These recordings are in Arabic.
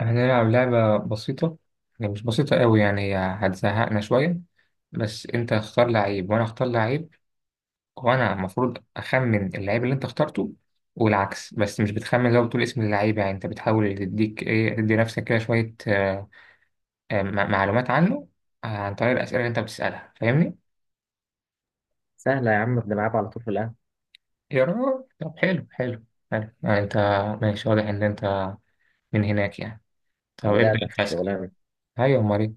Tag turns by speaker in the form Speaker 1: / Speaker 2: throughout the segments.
Speaker 1: هنلعب لعبة بسيطة، يعني مش بسيطة قوي، يعني هي هتزهقنا شوية. بس أنت اختار لعيب وأنا اختار لعيب، وأنا المفروض أخمن اللعيب اللي أنت اخترته والعكس. بس مش بتخمن لو بتقول اسم اللعيب، يعني أنت بتحاول تديك إيه تدي نفسك كده شوية معلومات عنه، عن طريق الأسئلة اللي أنت بتسألها. فاهمني؟
Speaker 2: سهلة يا عم، بنلعب على طول في القهوة.
Speaker 1: يا راجل، طب حلو حلو. حلو، يعني أنت ماشي، واضح إن أنت من هناك يعني. طب ابدأ
Speaker 2: ندقدق في
Speaker 1: أنت أسأل.
Speaker 2: الشغلانة.
Speaker 1: أيوة، أمال إيه؟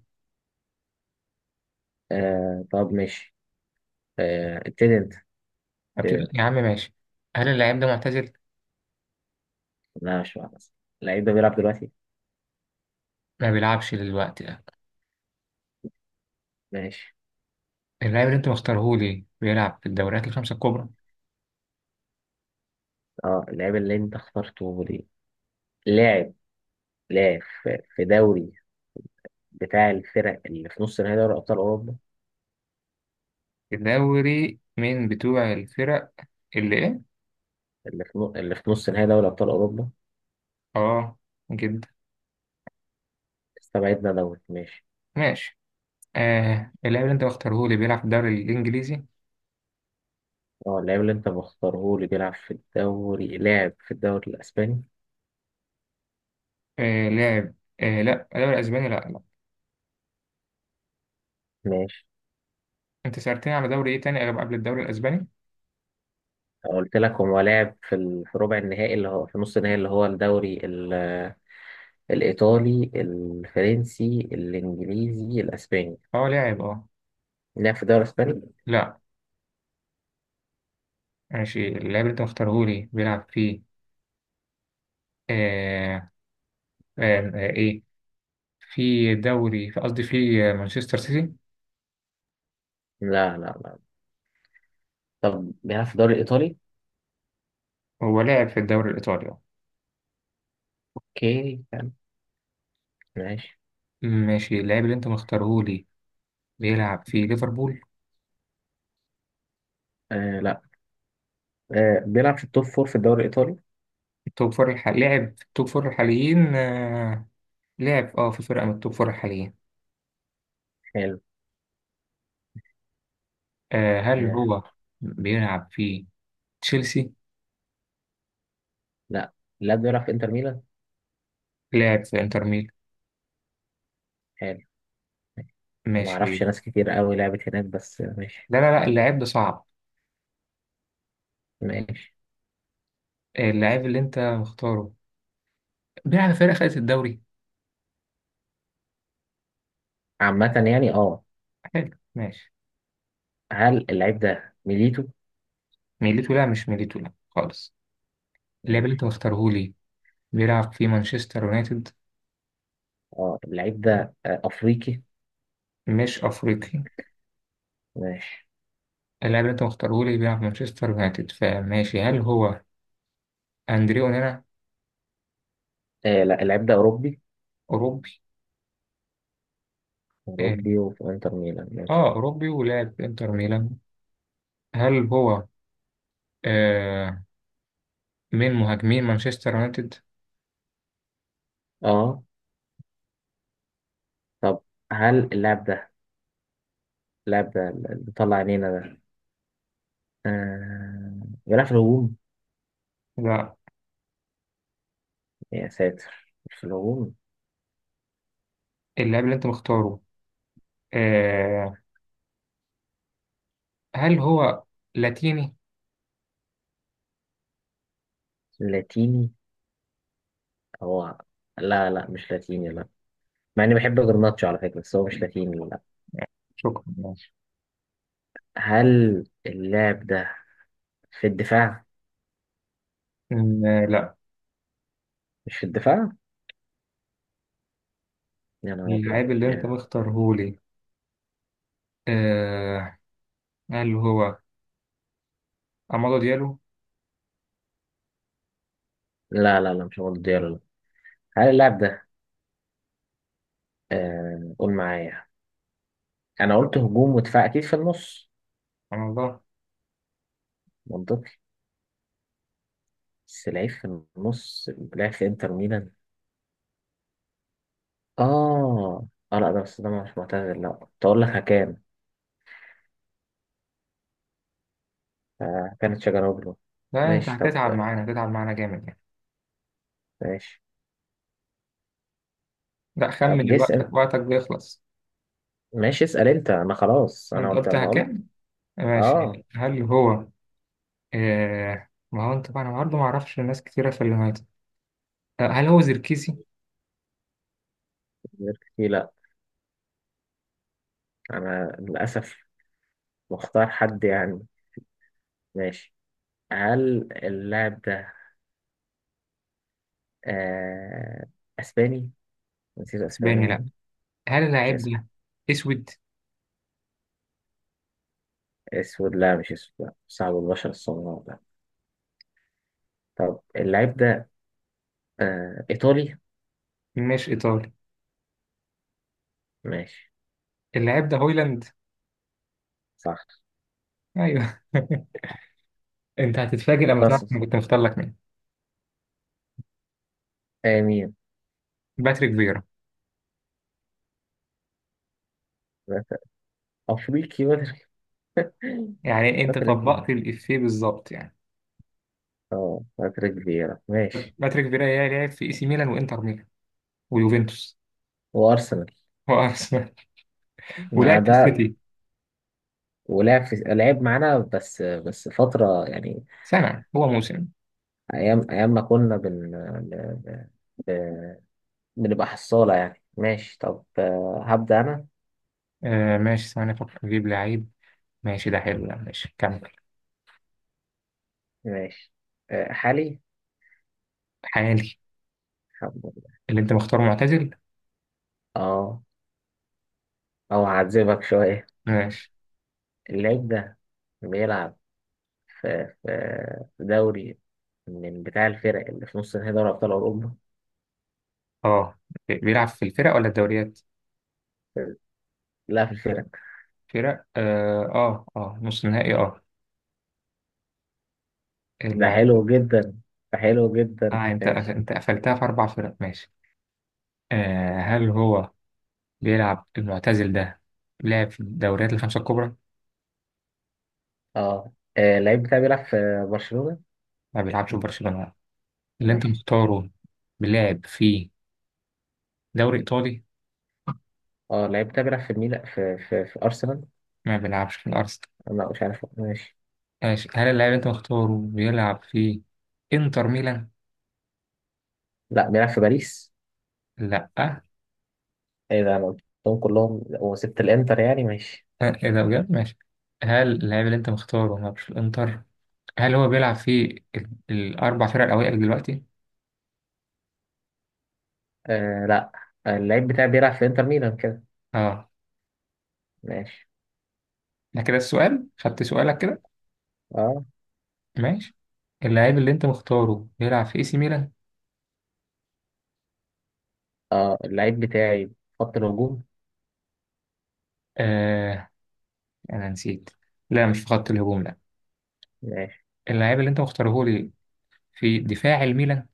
Speaker 2: آه طب ماشي، آه ابتدي انت. ابتدي انت.
Speaker 1: يا عم ماشي. هل اللعيب ده معتزل؟
Speaker 2: لا مش معنى، اللعيب ده بيلعب دلوقتي.
Speaker 1: ما بيلعبش دلوقتي، لا.
Speaker 2: ماشي.
Speaker 1: اللاعب اللي انت مختارهولي بيلعب في الدوريات الخمسة الكبرى.
Speaker 2: اه اللعيب اللي انت اخترته ليه لاعب، لاعب في دوري بتاع الفرق اللي في نص نهائي دوري ابطال اوروبا.
Speaker 1: الدوري من بتوع الفرق اللي ايه؟
Speaker 2: اللي في نص نهائي دوري ابطال اوروبا.
Speaker 1: اه، جدا.
Speaker 2: استبعدنا دوري، ماشي.
Speaker 1: ماشي. اللاعب اللي انت مختارهولي بيلعب في الدوري الانجليزي.
Speaker 2: اه اللاعب اللي انت مختاره لي بيلعب في الدوري، لاعب في الدوري الاسباني؟
Speaker 1: آه لاعب، آه لا، الدوري الاسباني، لا لا.
Speaker 2: ماشي.
Speaker 1: انت سألتني على دوري ايه تاني غير قبل الدوري الاسباني؟
Speaker 2: قلت لك هو لعب في في ربع النهائي اللي هو في نص النهائي، اللي هو الدوري الإيطالي الفرنسي الإنجليزي الأسباني.
Speaker 1: اه لاعب، اه،
Speaker 2: لعب في الدوري الأسباني؟
Speaker 1: لا، ماشي. اللاعب اللي انت مختارهولي بيلعب في، آه آه آه ايه في قصدي في مانشستر سيتي.
Speaker 2: لا لا لا. طب بيلعب في الدوري الإيطالي؟
Speaker 1: هو لاعب في الدوري الايطالي.
Speaker 2: أوكي حلو. ماشي.
Speaker 1: ماشي، اللاعب اللي انت مختاره لي بيلعب في ليفربول.
Speaker 2: آه لا، آه بيلعب في التوب فور في الدوري الإيطالي؟
Speaker 1: لعب في التوب فور الحاليين، لعب في فرقة من التوب فور الحاليين.
Speaker 2: حلو.
Speaker 1: هل
Speaker 2: آه
Speaker 1: هو بيلعب في تشيلسي؟
Speaker 2: لا، لا بيلعب في إنتر ميلان؟
Speaker 1: لعب في انتر ميلان،
Speaker 2: حلو. أنا ما أعرفش
Speaker 1: ماشي.
Speaker 2: ناس كتير قوي لعبت هناك بس ماشي.
Speaker 1: لا لا لا، اللاعب ده صعب.
Speaker 2: ماشي.
Speaker 1: اللاعب اللي انت مختاره بيلعب في فرقة خدت الدوري.
Speaker 2: عامة يعني أه.
Speaker 1: حلو ماشي.
Speaker 2: هل اللعيب ده ميليتو؟
Speaker 1: ميليتو، لا مش ميليتو، لا خالص. اللاعب اللي انت
Speaker 2: ماشي.
Speaker 1: مختاره لي بيلعب في مانشستر يونايتد.
Speaker 2: اه اللعيب ده افريقي.
Speaker 1: مش افريقي.
Speaker 2: ماشي.
Speaker 1: اللاعب اللي انت مختاره لي بيلعب في مانشستر يونايتد، فماشي، هل هو أندريه أونانا؟
Speaker 2: آه لا، اللعيب ده اوروبي.
Speaker 1: أوروبي. آه
Speaker 2: اوروبي وفي انتر ميلان، ماشي.
Speaker 1: أوروبي ولاعب إنتر ميلان. هل هو آه من مهاجمين مانشستر يونايتد؟
Speaker 2: اه طب هل اللاعب ده، اللاعب ده اللي طلع عينينا ده، آه بيلعب في الهجوم؟
Speaker 1: لا.
Speaker 2: يا ساتر مش في الهجوم.
Speaker 1: اللاعب اللي أنت مختاره، آه هل هو لاتيني؟
Speaker 2: لاتيني؟ هو لا لا، مش لاتيني لا. مع اني بحب جرناتشو على فكرة بس هو مش لاتيني لا.
Speaker 1: شكرا ماشي.
Speaker 2: هل اللاعب ده في الدفاع؟
Speaker 1: لا.
Speaker 2: مش في الدفاع. يا نهار ابيض
Speaker 1: اللاعب اللي أنت
Speaker 2: يعني.
Speaker 1: مختاره لي، آه هل هو أمادو ديالو؟
Speaker 2: لا لا لا مش هو ديالو لا. هل اللاعب ده، آه قول معايا، انا قلت هجوم ودفاع اكيد في النص.
Speaker 1: سبحان الله.
Speaker 2: منطقي. بس لعيب في النص، لعب في انتر ميلان، اه. اه لا ده بس، ده مش معتذر لا، كنت اقول لك هكان كانت شجراوجلو.
Speaker 1: لا أنت
Speaker 2: ماشي طب.
Speaker 1: هتتعب معانا، هتتعب معانا جامد يعني.
Speaker 2: ماشي.
Speaker 1: لا
Speaker 2: طب
Speaker 1: خمن،
Speaker 2: جس.
Speaker 1: وقتك وقتك بيخلص.
Speaker 2: ماشي اسأل انت، انا خلاص انا
Speaker 1: أنت
Speaker 2: قلت
Speaker 1: قلتها
Speaker 2: ما قلت.
Speaker 1: كام؟
Speaker 2: اه.
Speaker 1: ماشي، هل هو؟ ما هو انت بقى، انا برضه ما اعرفش ناس كتيره في اللي هات. هل هو زركيسي؟
Speaker 2: غير كتير لا، انا للاسف مختار حد يعني. ماشي. هل اللاعب ده، آه اسباني؟ نسيت اسباني
Speaker 1: اسباني، لا.
Speaker 2: يعني.
Speaker 1: هل
Speaker 2: مش
Speaker 1: اللاعب
Speaker 2: اسباني.
Speaker 1: ده اسود؟
Speaker 2: اسود؟ لا مش اسود لا، صعب البشرة السمراء لا. طب اللعيب ده آه إيطالي؟
Speaker 1: مش ايطالي.
Speaker 2: ماشي.
Speaker 1: اللاعب ده هويلاند.
Speaker 2: صح.
Speaker 1: ايوه انت هتتفاجئ لما تعرف انا
Speaker 2: خلاص.
Speaker 1: كنت مختار لك مين.
Speaker 2: آه مين؟
Speaker 1: باتريك فيرا.
Speaker 2: أفريقي باتريك؟
Speaker 1: يعني انت
Speaker 2: باتريك
Speaker 1: طبقت
Speaker 2: فيرا.
Speaker 1: الافيه بالظبط يعني.
Speaker 2: اه باتريك فيرا ماشي.
Speaker 1: باتريك فيرا يا، لعب في اي سي ميلان وانتر ميلان ويوفنتوس
Speaker 2: وأرسنال.
Speaker 1: وارسنال.
Speaker 2: مع
Speaker 1: ولعب في
Speaker 2: ده،
Speaker 1: السيتي.
Speaker 2: ولعب في، لعب معانا بس فترة يعني.
Speaker 1: سنه، هو موسم.
Speaker 2: أيام أيام ما كنا ب- ب- بنبقى حصالة يعني. ماشي طب، آه، هبدأ أنا.
Speaker 1: ماشي، ثواني افكر اجيب لعيب. ماشي، ده حلو، ده ماشي، كمل.
Speaker 2: ماشي. حالي.
Speaker 1: حالي.
Speaker 2: حب-
Speaker 1: اللي انت مختاره معتزل.
Speaker 2: اه. أو هعذبك شوية.
Speaker 1: ماشي،
Speaker 2: اللعيب ده بيلعب في في في دوري من بتاع الفرق اللي في نص نهائي دوري أبطال أوروبا.
Speaker 1: اه. بيلعب في الفرق ولا الدوريات؟
Speaker 2: لا في الفرق.
Speaker 1: فرق، نص نهائي. اه
Speaker 2: ده
Speaker 1: اللعيب.
Speaker 2: حلو جدا، ده حلو جدا
Speaker 1: اه انت
Speaker 2: ماشي.
Speaker 1: انت قفلتها في اربع فرق، ماشي. هل هو بيلعب، المعتزل ده، لعب في الدوريات الخمسة الكبرى؟
Speaker 2: اه، آه، اللعيب بتاعي بيلعب في برشلونة.
Speaker 1: ما بيلعبش في برشلونة. اللي انت
Speaker 2: ماشي.
Speaker 1: مختاره بيلعب في دوري ايطالي.
Speaker 2: اه اللعيب بتاعي بيلعب في ميلان، في أرسنال.
Speaker 1: ما بيلعبش في الارسنال.
Speaker 2: لا مش عارف ماشي.
Speaker 1: ماشي، هل اللاعب اللي انت مختاره بيلعب في انتر ميلان؟
Speaker 2: لا بيلعب في باريس.
Speaker 1: لا.
Speaker 2: ايه ده، انا قلتهم كلهم وسبت الانتر يعني. ماشي.
Speaker 1: ايه ده بجد، ماشي. هل اللاعب اللي انت مختاره ما بيلعبش في الانتر؟ هل هو بيلعب في الأربع فرق الأوائل دلوقتي؟
Speaker 2: آه لا، آه، اللعيب بتاعي بيلعب في انتر ميلان كده.
Speaker 1: اه.
Speaker 2: ماشي.
Speaker 1: ده كده السؤال، خدت سؤالك كده.
Speaker 2: اه.
Speaker 1: ماشي، اللاعب اللي أنت مختاره بيلعب في اي سي ميلان؟
Speaker 2: اه اللعيب بتاعي في خط الهجوم.
Speaker 1: آه أنا نسيت. لا، مش في خط الهجوم، لا.
Speaker 2: ماشي.
Speaker 1: اللاعب اللي أنت مختاره لي في دفاع الميلان،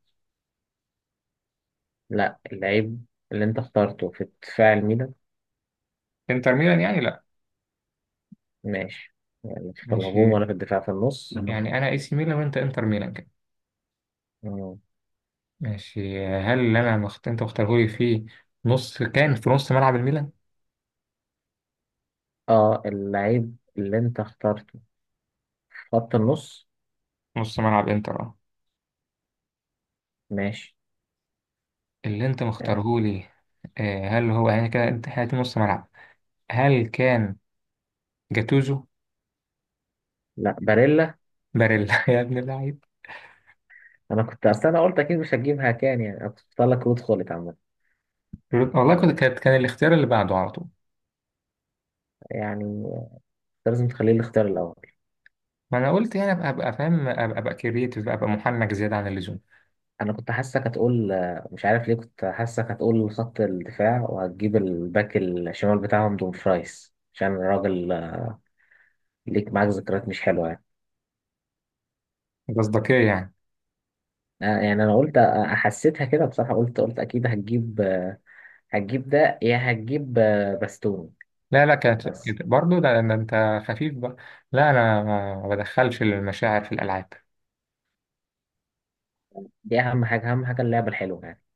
Speaker 2: لا اللعيب اللي انت اخترته في دفاع الميلان.
Speaker 1: انتر ميلان يعني، لا.
Speaker 2: ماشي. يعني في
Speaker 1: ماشي،
Speaker 2: الهجوم ولا في الدفاع في النص.
Speaker 1: يعني أنا اي سي ميلان وأنت انتر ميلان كده.
Speaker 2: مم.
Speaker 1: ماشي، هل اللي أنت مختاره لي في نص، كان في نص ملعب الميلان؟
Speaker 2: اه اللعيب اللي انت اخترته في خط النص.
Speaker 1: نص ملعب انتر، اه.
Speaker 2: ماشي.
Speaker 1: اللي أنت
Speaker 2: آه.
Speaker 1: مختاره لي، هل هو، يعني كده أنت حياتي نص ملعب، هل كان جاتوزو؟
Speaker 2: لا باريلا.
Speaker 1: باريلا يا ابن اللعيب.
Speaker 2: انا كنت اصل، انا قلت اكيد مش هتجيبها كان، يعني انا كنت اختار لك رود خولت عامة.
Speaker 1: والله كنت،
Speaker 2: آه.
Speaker 1: كان الاختيار اللي بعده على طول.
Speaker 2: يعني انت لازم تخليه الاختيار الاول.
Speaker 1: ما انا قلت يعني ابقى فاهم، ابقى كرييتيف، ابقى محنك زياده عن اللزوم.
Speaker 2: انا كنت حاسسك هتقول، مش عارف ليه كنت حاسسك هتقول خط الدفاع وهتجيب الباك الشمال بتاعهم دومفرايس، عشان الراجل ليك معاك ذكريات مش حلوة يعني.
Speaker 1: مصداقيه يعني.
Speaker 2: يعني انا قلت، حسيتها كده بصراحة، قلت اكيد هتجيب، هتجيب ده يا هتجيب باستوني
Speaker 1: لا لا، كانت
Speaker 2: بس.
Speaker 1: برضه ده انت خفيف بقى. لا انا ما بدخلش المشاعر في الالعاب.
Speaker 2: دي اهم حاجة، اهم حاجة اللعبة الحلوة يعني.